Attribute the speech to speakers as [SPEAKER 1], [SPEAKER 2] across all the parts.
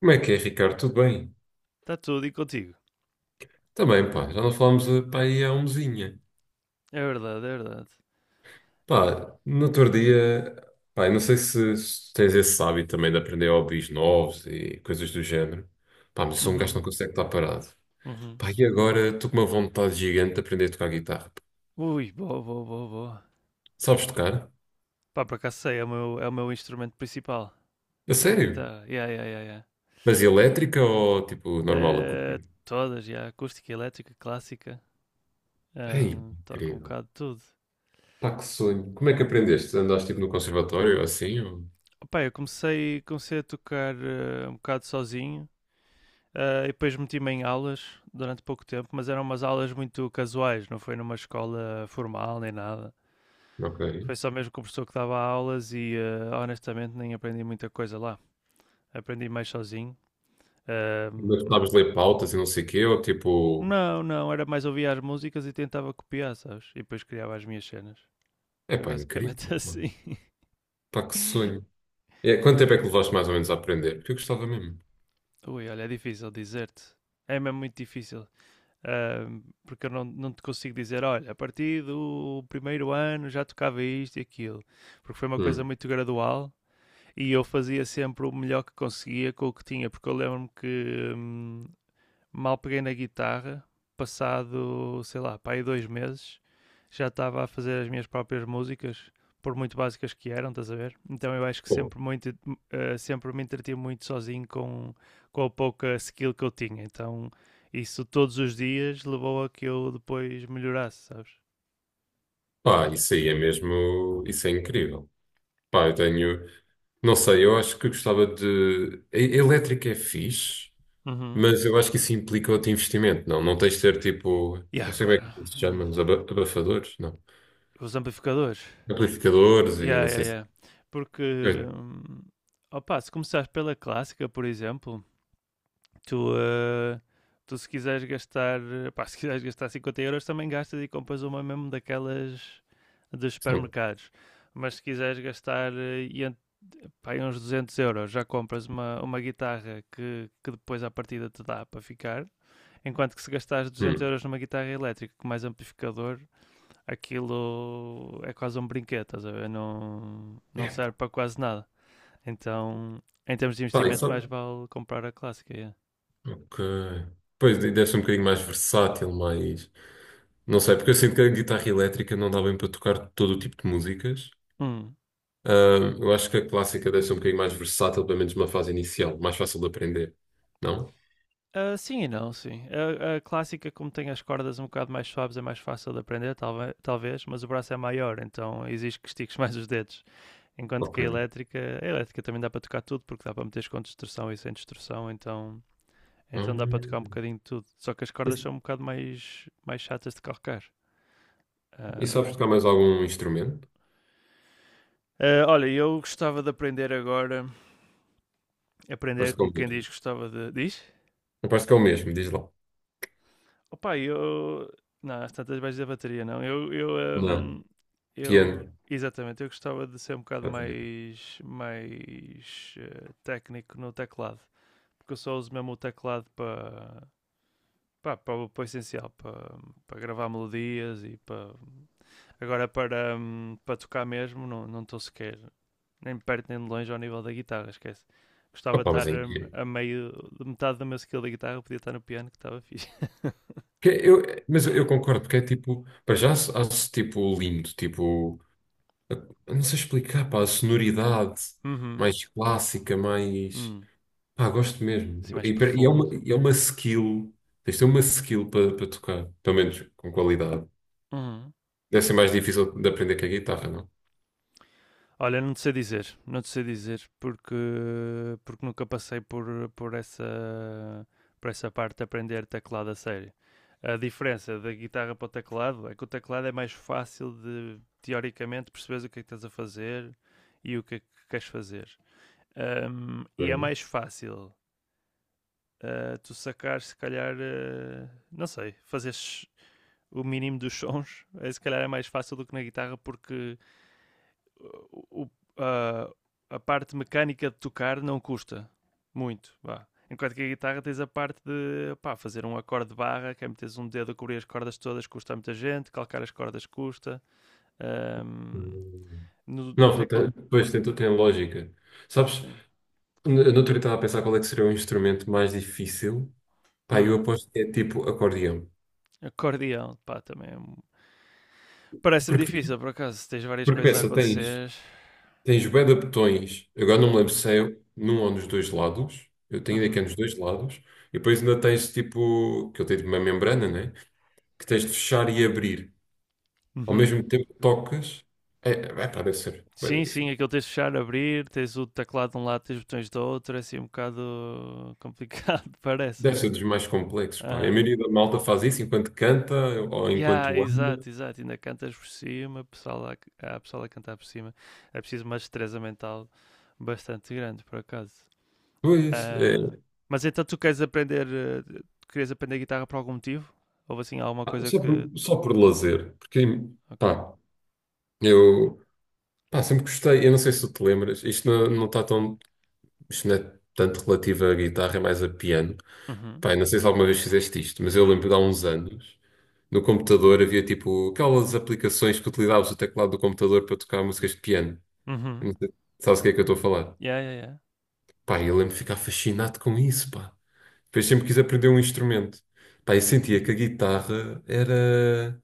[SPEAKER 1] Como é que é, Ricardo? Tudo bem?
[SPEAKER 2] Está tudo e contigo.
[SPEAKER 1] Também, pá, já não falámos, pá, aí há um mesinha.
[SPEAKER 2] É verdade, é verdade.
[SPEAKER 1] Pá, no outro dia, pá, eu não sei se tens esse hábito também de aprender hobbies novos e coisas do género. Pá, mas eu sou um gajo que
[SPEAKER 2] Uhum,
[SPEAKER 1] não consegue estar parado.
[SPEAKER 2] uhum.
[SPEAKER 1] Pá, e agora estou com uma vontade gigante de aprender a tocar guitarra.
[SPEAKER 2] Ui, boa, boa, boa, boa.
[SPEAKER 1] Sabes tocar?
[SPEAKER 2] Pá, por acaso sei, é o meu instrumento principal.
[SPEAKER 1] A
[SPEAKER 2] É a
[SPEAKER 1] sério?
[SPEAKER 2] guitarra. Yeah, yeah, yeah, yeah.
[SPEAKER 1] Mas elétrica ou, tipo, normal
[SPEAKER 2] Eh,
[SPEAKER 1] acústica?
[SPEAKER 2] Todas, yeah. Acústica, elétrica, clássica.
[SPEAKER 1] Ei,
[SPEAKER 2] Toco um
[SPEAKER 1] incrível.
[SPEAKER 2] bocado de tudo.
[SPEAKER 1] Pá, que sonho. Como é que aprendeste? Andaste, tipo, no conservatório, ou assim? Ou...
[SPEAKER 2] Pá, eu comecei a tocar um bocado sozinho. E depois meti-me em aulas durante pouco tempo, mas eram umas aulas muito casuais, não foi numa escola formal nem nada.
[SPEAKER 1] Ok.
[SPEAKER 2] Foi só mesmo com o professor que dava aulas e honestamente nem aprendi muita coisa lá. Aprendi mais sozinho.
[SPEAKER 1] Mas
[SPEAKER 2] Ahm,
[SPEAKER 1] sabes ler pautas e não sei o quê, ou, tipo...
[SPEAKER 2] não, não, era mais ouvir as músicas e tentava copiar, sabes? E depois criava as minhas cenas.
[SPEAKER 1] É
[SPEAKER 2] Foi
[SPEAKER 1] pá, incrível.
[SPEAKER 2] basicamente
[SPEAKER 1] Pá.
[SPEAKER 2] assim.
[SPEAKER 1] Pá, que sonho. É, quanto tempo é que levaste mais ou menos a aprender? Porque eu gostava mesmo.
[SPEAKER 2] Ui, olha, é difícil dizer-te. É mesmo muito difícil. Porque eu não te consigo dizer, olha, a partir do primeiro ano já tocava isto e aquilo. Porque foi uma coisa
[SPEAKER 1] Hum.
[SPEAKER 2] muito gradual e eu fazia sempre o melhor que conseguia com o que tinha, porque eu lembro-me que mal peguei na guitarra, passado, sei lá, para aí 2 meses, já estava a fazer as minhas próprias músicas, por muito básicas que eram, estás a ver? Então eu acho que
[SPEAKER 1] Pô.
[SPEAKER 2] sempre, sempre me entreti muito sozinho com a pouca skill que eu tinha. Então isso todos os dias levou a que eu depois melhorasse, sabes?
[SPEAKER 1] Pá, isso aí é mesmo. Isso é incrível. Pá, eu tenho. Não sei, eu acho que gostava de. Elétrica é fixe,
[SPEAKER 2] Uhum.
[SPEAKER 1] mas eu acho que isso implica outro investimento, não? Não tens de ter tipo. Não
[SPEAKER 2] Yeah,
[SPEAKER 1] sei como é
[SPEAKER 2] claro.
[SPEAKER 1] que se chama, os abafadores? Não.
[SPEAKER 2] Os amplificadores.
[SPEAKER 1] Amplificadores e
[SPEAKER 2] Yeah,
[SPEAKER 1] não
[SPEAKER 2] yeah,
[SPEAKER 1] sei se.
[SPEAKER 2] yeah. Porque,
[SPEAKER 1] É,
[SPEAKER 2] hum, opa, se começares pela clássica, por exemplo, tu, eh, tu se quiseres gastar, pá, se quiseres gastar 50 euros, também gastas e compras uma mesmo daquelas dos
[SPEAKER 1] são-
[SPEAKER 2] supermercados. Mas se quiseres gastar pá, uns 200 euros, já compras uma guitarra que depois à partida te dá para ficar. Enquanto que se gastares 200
[SPEAKER 1] Hum.
[SPEAKER 2] euros numa guitarra elétrica com mais amplificador, aquilo é quase um brinquedo, estás a ver? Não, não
[SPEAKER 1] É,
[SPEAKER 2] serve para quase nada. Então, em termos de
[SPEAKER 1] pá,
[SPEAKER 2] investimento, mais
[SPEAKER 1] isso.
[SPEAKER 2] vale comprar a clássica. Yeah.
[SPEAKER 1] Ok. Pois deve ser um bocadinho mais versátil, mais. Não sei, porque eu sinto que a guitarra elétrica não dá bem para tocar todo o tipo de músicas.
[SPEAKER 2] Hum.
[SPEAKER 1] Eu acho que a clássica deve ser um bocadinho mais versátil, pelo menos numa fase inicial, mais fácil de aprender. Não?
[SPEAKER 2] Ah, sim e não, sim. A clássica, como tem as cordas um bocado mais suaves, é mais fácil de aprender, talvez, mas o braço é maior, então exige que estiques mais os dedos. Enquanto que a
[SPEAKER 1] Ok.
[SPEAKER 2] elétrica, a elétrica também dá para tocar tudo, porque dá para meter com distorção e sem distorção, então dá para tocar um
[SPEAKER 1] Ahm,
[SPEAKER 2] bocadinho de tudo. Só que as cordas
[SPEAKER 1] e,
[SPEAKER 2] são um bocado mais chatas de calcar.
[SPEAKER 1] e sabes
[SPEAKER 2] Ah,
[SPEAKER 1] tocar mais algum instrumento?
[SPEAKER 2] ah, olha, eu gostava de aprender agora, aprender
[SPEAKER 1] Parece que é
[SPEAKER 2] como
[SPEAKER 1] o
[SPEAKER 2] quem
[SPEAKER 1] mesmo.
[SPEAKER 2] diz, gostava de... Diz?
[SPEAKER 1] Não parece que é o mesmo, diz lá.
[SPEAKER 2] Opa, eu. Não, às tantas baixas da bateria, não.
[SPEAKER 1] Não. Piano.
[SPEAKER 2] Exatamente, eu gostava de ser um bocado mais técnico no teclado, porque eu só uso mesmo o teclado para pá, para o essencial, para gravar melodias e para. Agora, para tocar mesmo, não estou sequer nem de perto nem de longe ao nível da guitarra, esquece. Gostava de
[SPEAKER 1] Opa, mas
[SPEAKER 2] estar
[SPEAKER 1] é incrível.
[SPEAKER 2] a meio de metade da minha skill da guitarra, podia estar no piano, que estava fixe.
[SPEAKER 1] Que Eu, mas eu concordo, porque é tipo, para já acho, tipo lindo, tipo, eu não sei explicar, pá, a sonoridade
[SPEAKER 2] Uhum.
[SPEAKER 1] mais clássica, mais.
[SPEAKER 2] Hum.
[SPEAKER 1] Pá, gosto mesmo.
[SPEAKER 2] Assim mais
[SPEAKER 1] E é
[SPEAKER 2] profundo.
[SPEAKER 1] uma, e é uma skill, tens de ter uma skill para tocar, pelo menos com qualidade.
[SPEAKER 2] Uhum.
[SPEAKER 1] Deve ser mais difícil de aprender que a guitarra, não?
[SPEAKER 2] Olha, não te sei dizer, não te sei dizer, porque nunca passei por, essa, por essa parte de aprender teclado a sério. A diferença da guitarra para o teclado é que o teclado é mais fácil de, teoricamente, perceberes o que é que estás a fazer e o que é que queres fazer. E é
[SPEAKER 1] Bem,
[SPEAKER 2] mais fácil tu sacar, se calhar, não sei, fazeres o mínimo dos sons, é, se calhar é mais fácil do que na guitarra, porque o- a, a parte mecânica de tocar não custa muito. Vá. Enquanto que a guitarra tens a parte de pá, fazer um acorde de barra, que é meteres um dedo a cobrir as cordas todas, custa a muita gente, calcar as cordas custa. Ahm,
[SPEAKER 1] hum.
[SPEAKER 2] no
[SPEAKER 1] Não,
[SPEAKER 2] teclado.
[SPEAKER 1] pois tem lógica. Sabes,
[SPEAKER 2] Sim.
[SPEAKER 1] no outro dia estava a pensar qual é que seria o instrumento mais difícil. Pá, eu
[SPEAKER 2] Hum,
[SPEAKER 1] aposto que é tipo acordeão.
[SPEAKER 2] Acordeão, pá. Parece-me
[SPEAKER 1] Porque, tens-
[SPEAKER 2] difícil, por acaso, se tens várias
[SPEAKER 1] porque
[SPEAKER 2] coisas a
[SPEAKER 1] pensa, tens,
[SPEAKER 2] acontecer.
[SPEAKER 1] tens bué de botões, agora não me lembro
[SPEAKER 2] Uhum,
[SPEAKER 1] se é num ou nos dois lados, eu tenho ideia que é
[SPEAKER 2] uhum,
[SPEAKER 1] nos dois lados, e depois ainda tens tipo, que eu tenho uma membrana, né? Que tens de fechar e abrir. Ao
[SPEAKER 2] uhum.
[SPEAKER 1] mesmo tempo que tocas, pá, deve ser bué da
[SPEAKER 2] Sim, sim,
[SPEAKER 1] difícil.
[SPEAKER 2] aquilo tens de fechar, abrir, tens o teclado de um lado, tens os botões do outro, é assim um bocado complicado,
[SPEAKER 1] Deve
[SPEAKER 2] parece-me.
[SPEAKER 1] ser dos mais complexos, pá. E a
[SPEAKER 2] Aham.
[SPEAKER 1] maioria da malta faz isso enquanto canta ou
[SPEAKER 2] Yeah,
[SPEAKER 1] enquanto anda.
[SPEAKER 2] exato, exato. Ainda cantas por cima, pessoal lá, há pessoal a cantar por cima. É preciso uma destreza mental bastante grande, por acaso.
[SPEAKER 1] Pois, é,
[SPEAKER 2] Ah, mas então tu queres aprender, tu querias aprender guitarra por algum motivo? Houve assim alguma
[SPEAKER 1] pá,
[SPEAKER 2] coisa
[SPEAKER 1] só
[SPEAKER 2] que.
[SPEAKER 1] por lazer. Porque,
[SPEAKER 2] Ok.
[SPEAKER 1] pá, eu pá, sempre gostei. Eu não sei se tu te lembras, isto não, não está tão, isto não é tanto relativo à guitarra, é mais a piano.
[SPEAKER 2] Uhum.
[SPEAKER 1] Pá, eu não sei se alguma vez fizeste isto, mas eu lembro de há uns anos, no computador havia tipo aquelas aplicações que utilizavas o teclado do computador para tocar músicas de piano.
[SPEAKER 2] Uhum.
[SPEAKER 1] Não sei, sabes o que é que eu estou a falar?
[SPEAKER 2] Yeah, yeah, yeah.
[SPEAKER 1] Pá, eu lembro de ficar fascinado com isso, pá. Depois sempre quis aprender um instrumento. Pá, eu sentia que a guitarra era.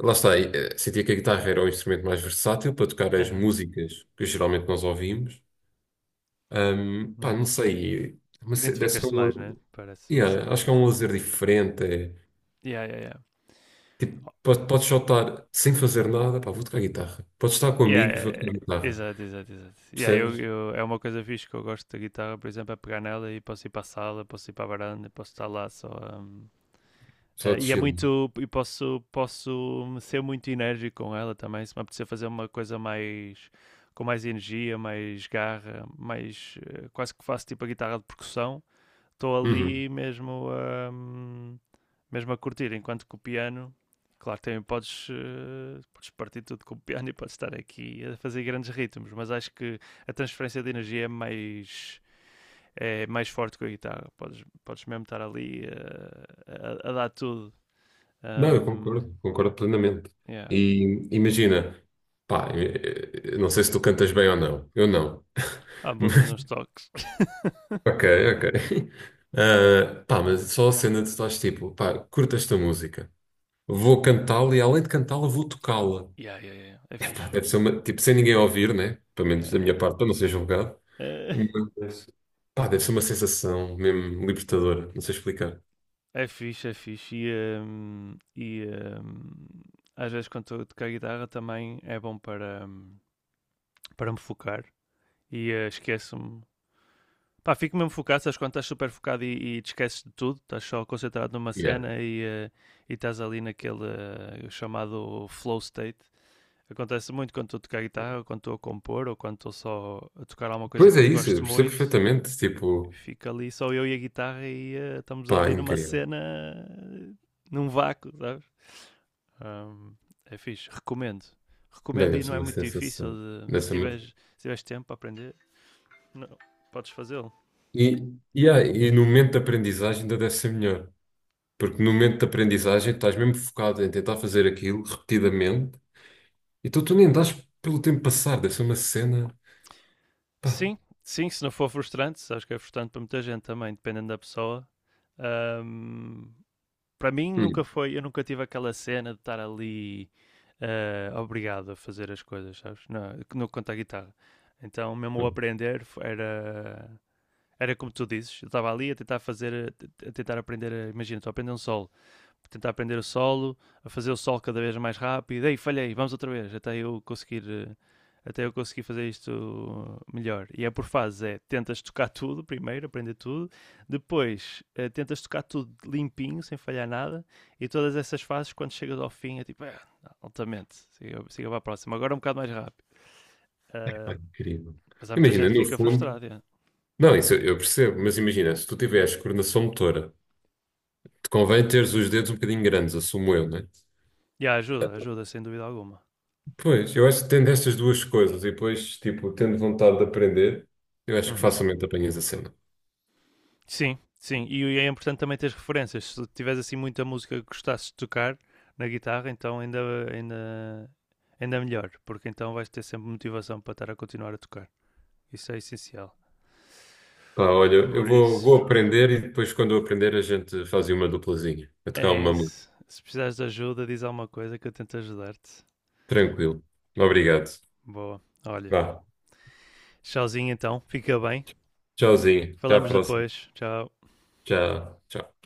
[SPEAKER 1] Lá está, sentia que a guitarra era o instrumento mais versátil para tocar as
[SPEAKER 2] Aham.
[SPEAKER 1] músicas que geralmente nós ouvimos. Pá, não
[SPEAKER 2] Uhum.
[SPEAKER 1] sei. Mas deve ser
[SPEAKER 2] Identificas-te mais, né?
[SPEAKER 1] um...
[SPEAKER 2] Parece uma
[SPEAKER 1] Yeah, acho
[SPEAKER 2] cena.
[SPEAKER 1] que é um lazer diferente. É
[SPEAKER 2] Yeah, yeah, yeah.
[SPEAKER 1] Podes só estar sem fazer nada, pá, vou tocar guitarra. Podes estar com
[SPEAKER 2] Yeah,
[SPEAKER 1] amigos, vou tocar guitarra.
[SPEAKER 2] exato, exato, exato. Yeah,
[SPEAKER 1] Percebes?
[SPEAKER 2] é uma coisa fixe que eu gosto da guitarra, por exemplo, é pegar nela e posso ir para a sala, posso ir para a varanda, posso estar lá só. hum,
[SPEAKER 1] Só de
[SPEAKER 2] e é
[SPEAKER 1] chill.
[SPEAKER 2] muito. E posso ser muito enérgico com ela também. Se me apetecer fazer uma coisa mais. Com mais energia, mais garra, mais. Quase que faço tipo a guitarra de percussão estou
[SPEAKER 1] Uhum.
[SPEAKER 2] ali mesmo mesmo a curtir, enquanto que o piano, claro, também podes partir tudo com o piano e podes estar aqui a fazer grandes ritmos, mas acho que a transferência de energia é mais forte com a guitarra, podes mesmo estar ali a dar tudo.
[SPEAKER 1] Não, eu
[SPEAKER 2] Um,
[SPEAKER 1] concordo, concordo plenamente.
[SPEAKER 2] yeah.
[SPEAKER 1] E imagina, pá, não sei se tu cantas bem ou não. Eu não.
[SPEAKER 2] Pá, vou dando
[SPEAKER 1] Mas-
[SPEAKER 2] uns toques.
[SPEAKER 1] Ok, ok. Ah, pá, mas só a cena de tu estás tipo, pá, curto esta música. Vou cantá-la e além de cantá-la, vou tocá-la.
[SPEAKER 2] Yeah, yeah, yeah. Yeah. É
[SPEAKER 1] Epá,
[SPEAKER 2] fixe.
[SPEAKER 1] deve ser uma, tipo, sem ninguém ouvir, né? Pelo menos da minha
[SPEAKER 2] Yeah.
[SPEAKER 1] parte, para não ser julgado.
[SPEAKER 2] Eh,
[SPEAKER 1] Meu Deus. Pá, deve ser uma sensação mesmo libertadora, não sei explicar.
[SPEAKER 2] É fixe, é fixe. E, hum, às vezes quando estou a tocar guitarra também é bom para me focar. E esqueço-me. Pá, fico mesmo focado, sabes quando estás super focado e te esqueces de tudo, estás só concentrado numa
[SPEAKER 1] Yeah.
[SPEAKER 2] cena e estás ali naquele chamado flow state. Acontece muito quando estou a tocar guitarra, ou quando estou a compor, ou quando estou só a tocar alguma coisa
[SPEAKER 1] Pois é
[SPEAKER 2] que
[SPEAKER 1] isso,
[SPEAKER 2] gosto
[SPEAKER 1] eu percebo
[SPEAKER 2] muito.
[SPEAKER 1] perfeitamente, tipo,
[SPEAKER 2] Fica ali só eu e a guitarra e estamos
[SPEAKER 1] pá,
[SPEAKER 2] ali numa
[SPEAKER 1] incrível.
[SPEAKER 2] cena, num vácuo, sabes? Ahm, É fixe, recomendo.
[SPEAKER 1] Bem,
[SPEAKER 2] Recomendo
[SPEAKER 1] deve
[SPEAKER 2] e
[SPEAKER 1] ser
[SPEAKER 2] não é
[SPEAKER 1] uma
[SPEAKER 2] muito difícil.
[SPEAKER 1] sensação.
[SPEAKER 2] de-
[SPEAKER 1] Deve
[SPEAKER 2] se,
[SPEAKER 1] ser
[SPEAKER 2] tiveres,
[SPEAKER 1] uma...
[SPEAKER 2] se tiveres tempo para aprender, não, podes fazê-lo.
[SPEAKER 1] E, e no momento de aprendizagem ainda deve ser melhor, porque no momento de aprendizagem estás mesmo focado em tentar fazer aquilo repetidamente, então tu nem dás pelo tempo passar, deve ser uma cena.
[SPEAKER 2] Sim, sim, se não for frustrante, sabes que é frustrante para muita gente também, dependendo da pessoa. Ahm, Para mim nunca
[SPEAKER 1] Hum.
[SPEAKER 2] foi, eu nunca tive aquela cena de estar ali obrigado a fazer as coisas, sabes? Não, no quanto à guitarra. Então, mesmo ao aprender, era como tu dizes, eu estava ali a tentar fazer, a tentar aprender, imagina, estou a aprender um solo tentar aprender o solo, a fazer o solo cada vez mais rápido. Ei, falhei, vamos outra vez, até eu conseguir fazer isto melhor. E é por fases, é tentas tocar tudo primeiro, aprender tudo, depois tentas tocar tudo limpinho, sem falhar nada, e todas essas fases, quando chegas ao fim, é tipo, ah, altamente, siga, siga para a próxima, agora um bocado mais rápido.
[SPEAKER 1] Pá,
[SPEAKER 2] Ah,
[SPEAKER 1] incrível.
[SPEAKER 2] mas há muita
[SPEAKER 1] Imagina,
[SPEAKER 2] gente que
[SPEAKER 1] no
[SPEAKER 2] fica
[SPEAKER 1] fundo,
[SPEAKER 2] frustrada. Yeah.
[SPEAKER 1] não, isso eu percebo, mas imagina, se tu tiveres coordenação motora. Te convém teres os dedos um bocadinho grandes, assumo eu, né?
[SPEAKER 2] Yeah, ajuda, ajuda, sem dúvida alguma.
[SPEAKER 1] Pois, eu acho que tendo estas duas coisas e depois, tipo, tendo vontade de aprender, eu acho que
[SPEAKER 2] Uhum.
[SPEAKER 1] facilmente apanhas a cena.
[SPEAKER 2] Sim, sim. E é importante também ter referências. Se tiveres assim muita música que gostasses de tocar na guitarra, então ainda, ainda, ainda melhor, porque então vais ter sempre motivação para estar a continuar a tocar. Isso é essencial.
[SPEAKER 1] Pá, olha, eu
[SPEAKER 2] Por
[SPEAKER 1] vou,
[SPEAKER 2] isso,
[SPEAKER 1] vou aprender e depois, quando eu aprender, a gente faz uma duplazinha. A
[SPEAKER 2] é
[SPEAKER 1] tocar uma música.
[SPEAKER 2] isso. Se precisares de ajuda, diz alguma coisa que eu tento ajudar-te.
[SPEAKER 1] Tranquilo. Obrigado.
[SPEAKER 2] Boa. Olha,
[SPEAKER 1] Vá.
[SPEAKER 2] tchauzinho então. Fica bem.
[SPEAKER 1] Tchauzinho. Até à
[SPEAKER 2] Falamos
[SPEAKER 1] próxima.
[SPEAKER 2] depois. Tchau.
[SPEAKER 1] Tchau, tchau.